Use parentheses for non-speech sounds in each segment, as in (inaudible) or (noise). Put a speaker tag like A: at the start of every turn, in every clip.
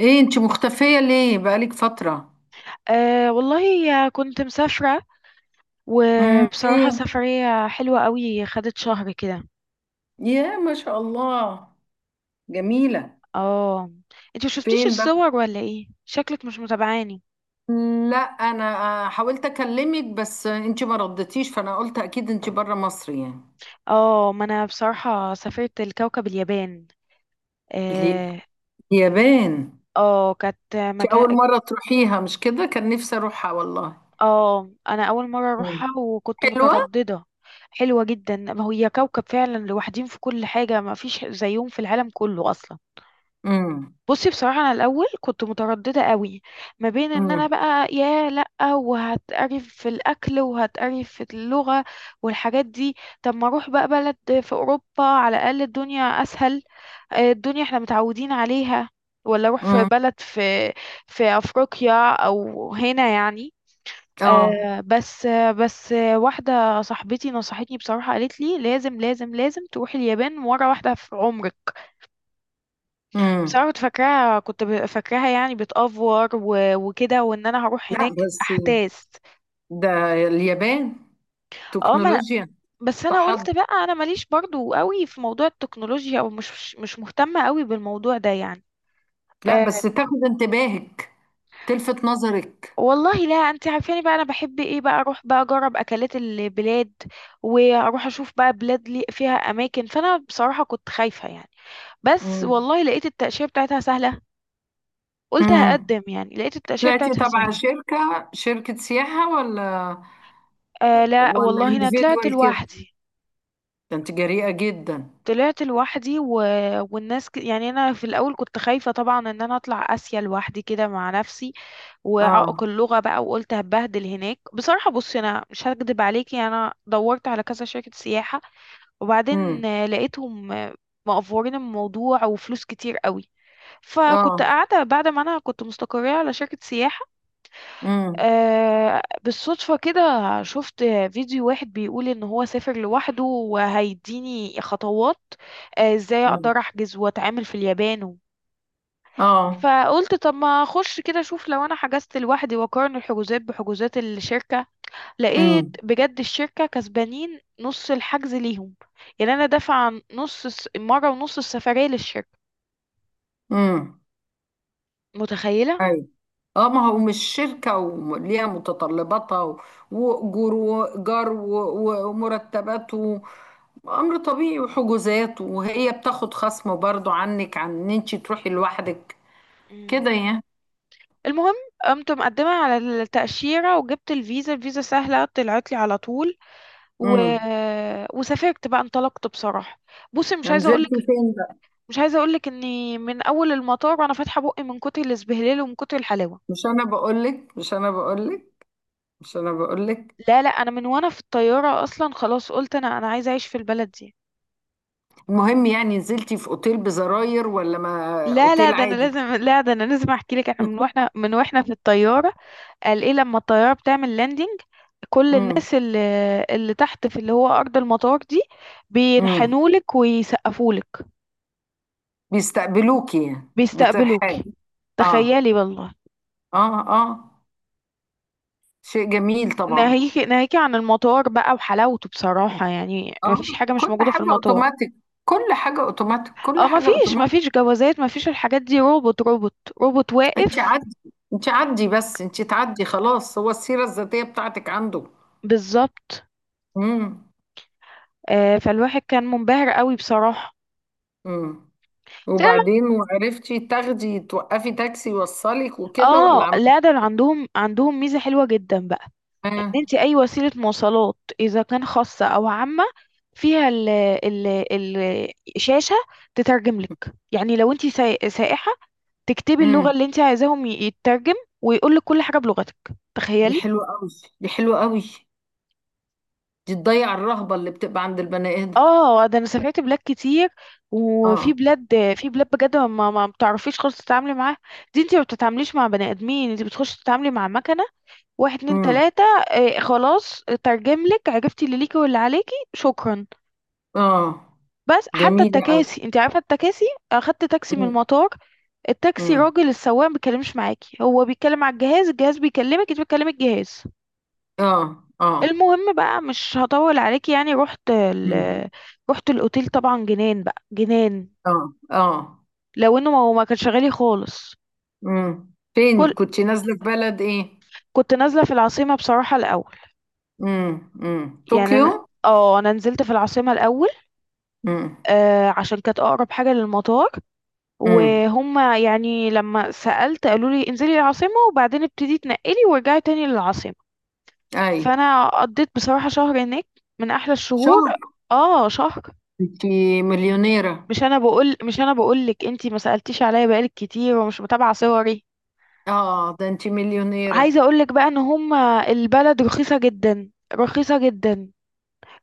A: ايه انت مختفية ليه بقالك فترة؟
B: أه والله كنت مسافرة. وبصراحة،
A: فين؟
B: سفرية حلوة قوي خدت شهر كده.
A: يا ما شاء الله، جميلة.
B: اه، انت ما شفتيش
A: فين بقى؟
B: الصور؟ ولا ايه، شكلك مش متابعاني.
A: لا، انا حاولت اكلمك بس انت ما ردتيش فانا قلت اكيد انت بره مصر يعني.
B: اه، ما انا بصراحة سافرت الكوكب اليابان.
A: ليه؟
B: اه.
A: اليابان؟
B: اه، كانت
A: انت
B: مكان.
A: اول مرة تروحيها مش كده؟ كان نفسي اروحها والله.
B: اه، انا اول مرة
A: مم.
B: اروحها وكنت
A: حلوة.
B: مترددة. حلوة جدا، ما هي كوكب فعلا، لوحدين في كل حاجة، ما فيش زيهم في العالم كله اصلا.
A: امم.
B: بصي، بصراحة أنا الأول كنت مترددة قوي. ما بين إن أنا
A: امم.
B: بقى يا لأ، وهتقرف في الأكل وهتقرف في اللغة والحاجات دي. طب ما أروح بقى بلد في أوروبا، على الأقل الدنيا أسهل. الدنيا إحنا متعودين عليها. ولا أروح في
A: امم.
B: بلد في أفريقيا أو هنا يعني.
A: اه.
B: بس واحدة صاحبتي نصحتني بصراحة، قالت لي لازم لازم لازم تروحي اليابان مرة واحدة في عمرك.
A: امم.
B: بصراحة كنت فاكراها يعني بتأفور و- وكده، وان انا هروح
A: لا
B: هناك
A: بس.
B: احتاس.
A: ده اليابان،
B: اه، ما انا.
A: تكنولوجيا.
B: بس انا
A: تحضر.
B: قلت بقى، انا ماليش برضو قوي في موضوع التكنولوجيا، او مش مهتمة قوي بالموضوع ده يعني.
A: لا
B: أه،
A: بس تاخد انتباهك، تلفت نظرك.
B: والله لا، انت عارفاني بقى، انا بحب ايه بقى؟ اروح بقى اجرب اكلات البلاد، واروح اشوف بقى بلاد لي فيها اماكن، فانا بصراحة كنت خايفة يعني. بس
A: مم.
B: والله لقيت التأشيرة بتاعتها سهلة. قلت
A: مم.
B: هقدم يعني، لقيت التأشيرة
A: طلعتي
B: بتاعتها
A: تبع
B: سهلة.
A: شركة سياحة ولا؟
B: أه، لا
A: ولا
B: والله انا
A: individual
B: طلعت
A: كده؟
B: لوحدي.
A: ده انت جريئة جدا.
B: طلعت لوحدي. و... والناس يعني انا في الاول كنت خايفه طبعا، ان انا اطلع اسيا لوحدي كده مع نفسي. وعائق
A: اه.
B: اللغه بقى، وقلت هبهدل هناك بصراحه. بصي، انا مش هكدب عليكي، انا دورت على كذا شركه سياحه،
A: امم.
B: وبعدين لقيتهم مقفورين الموضوع وفلوس كتير قوي. فكنت
A: اه.
B: قاعده بعد ما انا كنت مستقريه على شركه سياحه.
A: امم.
B: بالصدفة كده شفت فيديو واحد بيقول ان هو سافر لوحده، وهيديني خطوات ازاي اقدر
A: امم.
B: احجز واتعامل في اليابان.
A: اه.
B: فقلت طب ما اخش كده اشوف، لو انا حجزت لوحدي واقارن الحجوزات بحجوزات الشركة. لقيت
A: امم.
B: بجد الشركة كسبانين نص الحجز ليهم. يعني انا دافعة نص مرة ونص السفرية للشركة.
A: امم.
B: متخيلة؟
A: ايوه. اه ما هو مش شركة وليها متطلباتها وأجور وإيجار ومرتبات امر طبيعي وحجوزات، وهي بتاخد خصم برضو عنك عن ان انت تروحي لوحدك.
B: مم.
A: كده يعني.
B: المهم، قمت مقدمة على التأشيرة وجبت الفيزا، الفيزا سهلة طلعت لي على طول. و...
A: امم.
B: وسافرت بقى، انطلقت بصراحة. بصي، مش عايزة اقولك
A: نزلتي فين بقى؟
B: مش عايزة اقولك اني من اول المطار وانا فاتحة بقي من كتر الاسبهلال ومن كتر الحلاوة.
A: مش انا بقولك، مش انا بقولك، مش انا بقولك.
B: لا لا، انا من وانا في الطيارة اصلا خلاص قلت، انا عايزة اعيش في البلد دي.
A: المهم، يعني نزلتي في اوتيل بزراير ولا ما
B: لا لا
A: اوتيل
B: ده انا
A: عادي؟
B: لازم لا ده انا لازم احكي لك، احنا من
A: (laughs)
B: واحنا من واحنا في الطيارة. قال ايه، لما الطيارة بتعمل لاندنج كل
A: امم.
B: الناس اللي تحت في اللي هو ارض المطار دي
A: امم.
B: بينحنولك ويسقفولك.
A: بيستقبلوكي يعني
B: بيستقبلوك.
A: بترحاب. اه،
B: تخيلي والله.
A: اه. اه. شيء جميل طبعا.
B: ناهيكي عن المطار بقى وحلاوته بصراحة، يعني ما
A: اه،
B: فيش حاجة مش
A: كل
B: موجودة في
A: حاجة
B: المطار.
A: اوتوماتيك، كل حاجة اوتوماتيك، كل
B: اه، ما
A: حاجة
B: فيش ما
A: اوتوماتيك.
B: فيش جوازات، ما فيش الحاجات دي، روبوت روبوت، روبوت
A: انت
B: واقف.
A: عدي، انت عدي بس انت تعدي خلاص، هو السيرة الذاتية بتاعتك عنده.
B: بالظبط.
A: امم.
B: فالواحد كان منبهر قوي بصراحة.
A: امم.
B: تعرف-
A: وبعدين وعرفتي تاخدي توقفي تاكسي يوصلك وكده، ولا
B: اه
A: عملت
B: لا، ده عندهم ميزة حلوة جدا بقى. ان
A: ايه؟
B: انت اي وسيلة مواصلات، اذا كان خاصة او عامة، فيها الشاشة تترجم لك. يعني لو انت سائحة، تكتبي اللغة
A: امم.
B: اللي انت عايزاهم يترجم، ويقول لك كل حاجة بلغتك.
A: دي
B: تخيلي.
A: حلوة قوي، دي حلوة قوي. دي تضيع الرهبة اللي بتبقى عند البني آدم.
B: اه، ده انا سافرت بلاد كتير. وفي
A: اه.
B: بلاد في بلاد بجد ما بتعرفيش خالص تتعاملي معاها. دي انت ما بتتعامليش مع بني ادمين، انت بتخش تتعاملي مع مكنة. واحد اتنين
A: امم.
B: تلاتة، اه خلاص ترجم لك، عرفتي اللي ليكي واللي عليكي، شكرا.
A: اه.
B: بس حتى
A: جميلة قوي.
B: التكاسي، انت عارفة التكاسي، اخدت تاكسي من
A: امم.
B: المطار. التاكسي
A: امم.
B: راجل السواق ما بيتكلمش معاكي، هو بيتكلم على الجهاز، الجهاز بيكلمك، انت بتكلمي الجهاز.
A: اه، اه.
B: المهم بقى مش هطول عليك، يعني رحت
A: امم.
B: رحت الاوتيل طبعا، جنان بقى جنان.
A: اه، اه.
B: لو انه ما هو ما كانش غالي خالص.
A: امم. فين
B: كل
A: كنت نازلة؟ في بلد ايه؟
B: كنت نازله في العاصمه بصراحه الاول.
A: امم، امم،
B: يعني
A: طوكيو.
B: انا اه، انا نزلت في العاصمه الاول.
A: امم.
B: عشان كانت اقرب حاجه للمطار.
A: امم.
B: وهم يعني، لما سألت قالوا لي انزلي العاصمه، وبعدين ابتدي تنقلي ورجعي تاني للعاصمه.
A: اي.
B: فانا قضيت بصراحه شهر هناك، من احلى
A: شهر؟
B: الشهور. اه، شهر.
A: انت مليونيرة.
B: مش انا بقول لك، انتي ما سالتيش عليا بقالك كتير، ومش متابعه صوري.
A: اه ده انت
B: عايزه
A: مليونيرة.
B: اقول لك بقى ان هم، البلد رخيصه جدا، رخيصه جدا.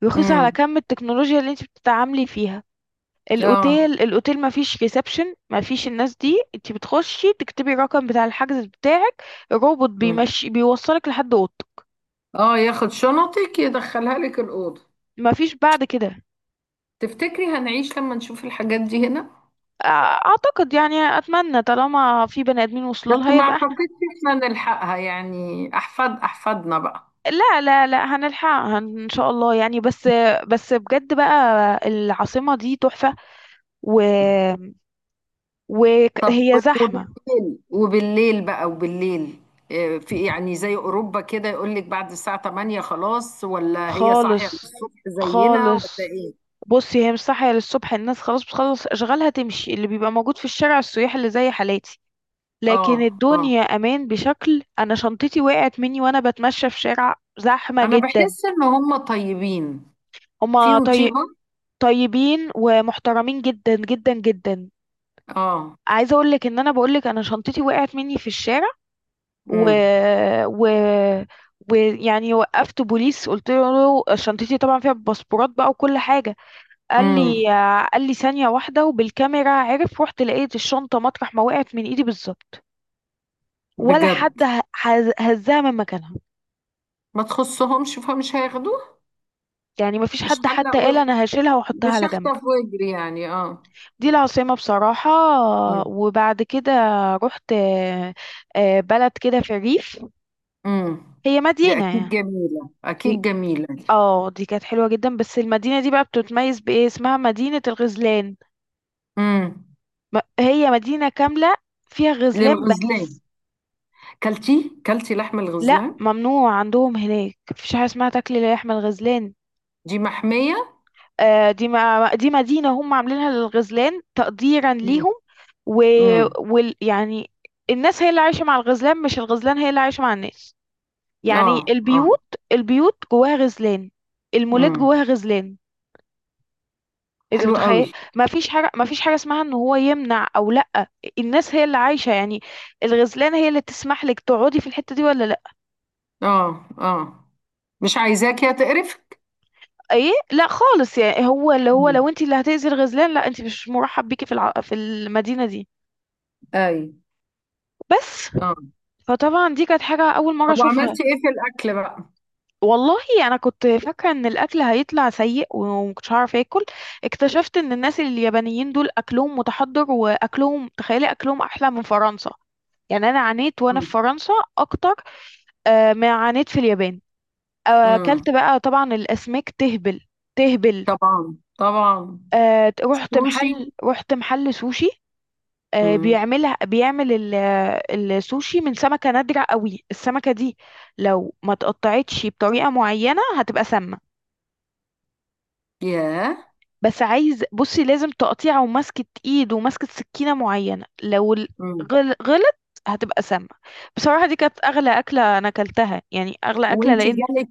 B: رخيصه على
A: امم.
B: كم التكنولوجيا اللي انتي بتتعاملي فيها.
A: اه.
B: الاوتيل ما فيش ريسبشن، ما فيش الناس دي، انتي بتخشي تكتبي الرقم بتاع الحجز بتاعك. الروبوت
A: امم.
B: بيمشي بيوصلك لحد اوضتك.
A: اه، ياخد شنطك يدخلها لك الأوضة.
B: ما فيش بعد كده.
A: تفتكري هنعيش لما نشوف الحاجات دي هنا؟
B: أع- اعتقد يعني، اتمنى طالما في بني ادمين وصلوا
A: بس
B: لها
A: ما
B: يبقى.
A: اعتقدش احنا نلحقها، يعني احفاد احفادنا بقى.
B: لا لا لا، هنلحقها ان شاء الله يعني. بس بس بجد بقى، العاصمة دي تحفة و
A: طب
B: وهي زحمة.
A: وبالليل، وبالليل بقى، وبالليل، في يعني زي اوروبا كده، يقول لك بعد الساعة 8 خلاص، ولا هي صاحية
B: خالص.
A: الصبح زينا ولا
B: خالص.
A: ايه؟
B: بصي، هي مش صاحية للصبح، الناس خلاص بتخلص اشغالها تمشي، اللي بيبقى موجود في الشارع السياح اللي زي حالاتي. لكن
A: اه، اه.
B: الدنيا امان بشكل، انا شنطتي وقعت مني وانا بتمشى في شارع زحمة
A: انا
B: جدا.
A: بحس ان هم طيبين،
B: هما
A: فيهم
B: طي...
A: طيبة.
B: طيبين ومحترمين جدا جدا جدا.
A: اه.
B: عايزة اقول لك، ان انا بقول لك انا شنطتي وقعت مني في الشارع. و...
A: امم.
B: و... ويعني وقفت بوليس، قلت له شنطتي طبعا فيها باسبورات بقى وكل حاجه. قال لي
A: امم.
B: قال لي ثانيه واحده، وبالكاميرا عرف، رحت لقيت الشنطه مطرح ما وقعت من ايدي بالظبط، ولا
A: بجد.
B: حد هزها من مكانها.
A: ما تخصهمش فمش هياخدوه.
B: يعني ما فيش
A: مش
B: حد حتى
A: حلق و...
B: قال انا هشيلها واحطها
A: مش
B: على جنب.
A: هخطف واجري يعني، اه.
B: دي العاصمه بصراحه.
A: امم.
B: وبعد كده رحت بلد كده في الريف.
A: امم.
B: هي
A: دي اكيد
B: مدينه
A: جميلة، اكيد
B: يعني،
A: جميلة دي.
B: اه دي كانت حلوة جدا، بس المدينة دي بقى بتتميز بإيه؟ اسمها مدينة الغزلان.
A: امم.
B: هي مدينة كاملة فيها غزلان
A: للغزلان؟
B: بس.
A: كلتي لحم
B: لا
A: الغزلان؟
B: ممنوع عندهم هناك، مفيش حاجة اسمها تاكل لحم الغزلان.
A: دي محمية.
B: دي ما دي مدينة هم عاملينها للغزلان تقديرا
A: امم.
B: ليهم. و...
A: امم.
B: يعني الناس هي اللي عايشة مع الغزلان، مش الغزلان هي اللي عايشة مع الناس.
A: اه،
B: يعني
A: اه.
B: البيوت جواها غزلان. المولات
A: امم.
B: جواها غزلان. انت
A: حلو قوي.
B: متخيل؟ ما فيش حاجه اسمها ان هو يمنع او لا. الناس هي اللي عايشه يعني، الغزلانه هي اللي تسمح لك تقعدي في الحته دي ولا لا.
A: اه، اه. مش عايزاك يا تقرفك.
B: ايه لا خالص، يعني هو
A: امم.
B: لو انت اللي هتاذي الغزلان، لا انت مش مرحب بيكي في المدينه دي
A: اي.
B: بس.
A: اه.
B: فطبعا دي كانت حاجه اول مره
A: طب
B: اشوفها.
A: وعملتي ايه في الاكل بقى؟
B: والله انا كنت فاكره ان الاكل هيطلع سيء، ومكنتش هعرف اكل. اكتشفت ان الناس اليابانيين دول اكلهم متحضر، واكلهم تخيلي، اكلهم احلى من فرنسا. يعني انا عانيت وانا في
A: مم.
B: فرنسا اكتر ما عانيت في اليابان.
A: مم.
B: اكلت بقى طبعا الاسماك تهبل. تهبل.
A: طبعا، طبعا.
B: رحت
A: سوشي.
B: محل رحت محل سوشي.
A: مم.
B: بيعمل السوشي من سمكة نادرة قوي، السمكة دي لو ما تقطعتش بطريقة معينة هتبقى سامة.
A: ياه.
B: بس بصي، لازم تقطيع ومسكة ايد ومسكة سكينة معينة، لو
A: مم.
B: غلط هتبقى سامة. بصراحة دي كانت أغلى أكلة أنا أكلتها، يعني أغلى أكلة،
A: وانت
B: لأن
A: جالك،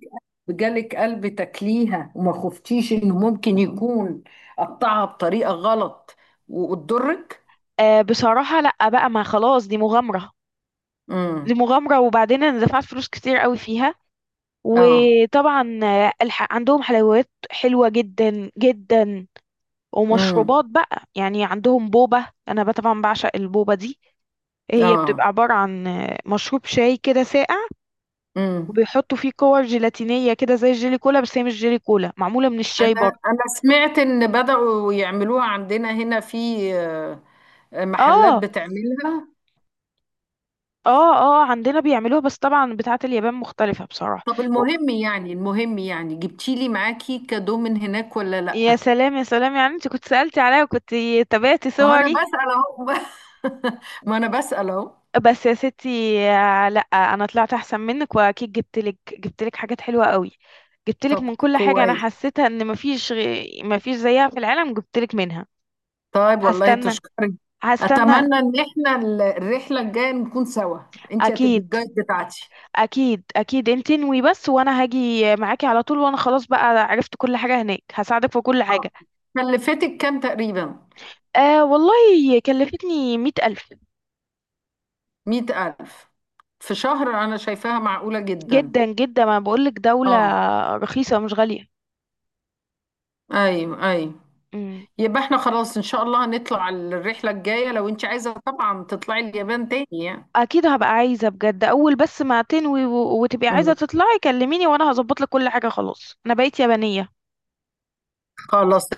A: جالك قلب تاكليها وما خفتيش انه ممكن يكون قطعها بطريقه غلط وتضرك؟
B: بصراحة لأ بقى، ما خلاص دي مغامرة. دي
A: مم.
B: مغامرة، وبعدين أنا دفعت فلوس كتير قوي فيها.
A: اه.
B: وطبعا عندهم حلويات حلوة جدا جدا،
A: مم.
B: ومشروبات بقى يعني. عندهم بوبة، أنا بقى طبعا بعشق البوبة دي. هي بتبقى
A: اه.
B: عبارة عن مشروب شاي كده ساقع،
A: مم.
B: وبيحطوا فيه كور جيلاتينية كده زي الجيلي كولا، بس هي مش جيلي كولا، معمولة من الشاي
A: انا،
B: برضه.
A: انا سمعت ان بدأوا يعملوها عندنا هنا في محلات
B: اه.
A: بتعملها.
B: اه. اه، عندنا بيعملوها، بس طبعا بتاعة اليابان مختلفة بصراحة.
A: طب
B: و-
A: المهم، يعني جبتيلي معاكي كادو من هناك ولا لأ؟
B: يا سلام يا سلام، يعني انت كنت سألتي عليا وكنت تابعتي
A: ما هو انا
B: صوري.
A: بسأل اهو. (laughs) ما انا بسأل اهو.
B: بس يا ستي، لا، انا طلعت احسن منك، واكيد جبت لك حاجات حلوه قوي. جبت لك
A: طب
B: من كل حاجه انا
A: كويس.
B: حسيتها ان مفيش زيها في العالم، جبت لك منها.
A: طيب والله
B: هستنى.
A: تشكري.
B: هستنى.
A: اتمنى ان احنا الرحلة الجاية نكون سوا. انت هتبقي
B: اكيد.
A: الجايد بتاعتي.
B: اكيد اكيد، انت انوي بس وانا هاجي معاكي على طول. وانا خلاص بقى عرفت كل حاجه هناك، هساعدك في كل
A: اه.
B: حاجه.
A: كلفتك كام تقريبا؟
B: آه والله، كلفتني 100,000.
A: 100 ألف؟ في شهر؟ انا شايفاها معقولة جدا.
B: جدا جدا، ما بقولك دوله
A: اه.
B: رخيصه مش غاليه.
A: ايوه، ايوه. يبقى احنا خلاص ان شاء الله هنطلع الرحلة الجاية لو انت عايزة طبعا تطلعي اليابان تاني يعني.
B: اكيد هبقى عايزه بجد، اول بس ما تنوي و- وتبقي عايزه تطلعي، كلميني وانا هظبط لك كل حاجه، خلاص انا بقيت يابانيه.
A: خلاص.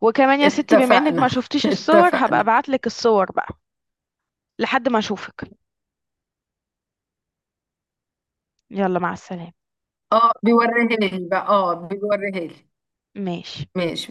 B: وكمان يا ستي، بما انك ما
A: اتفقنا. (laughs)
B: شفتيش الصور، هبقى
A: اتفقنا.
B: ابعت لك الصور بقى لحد ما اشوفك. يلا مع السلامه.
A: اه بيوريها لي بقى، اه بيوريها لي.
B: ماشي.
A: ماشي.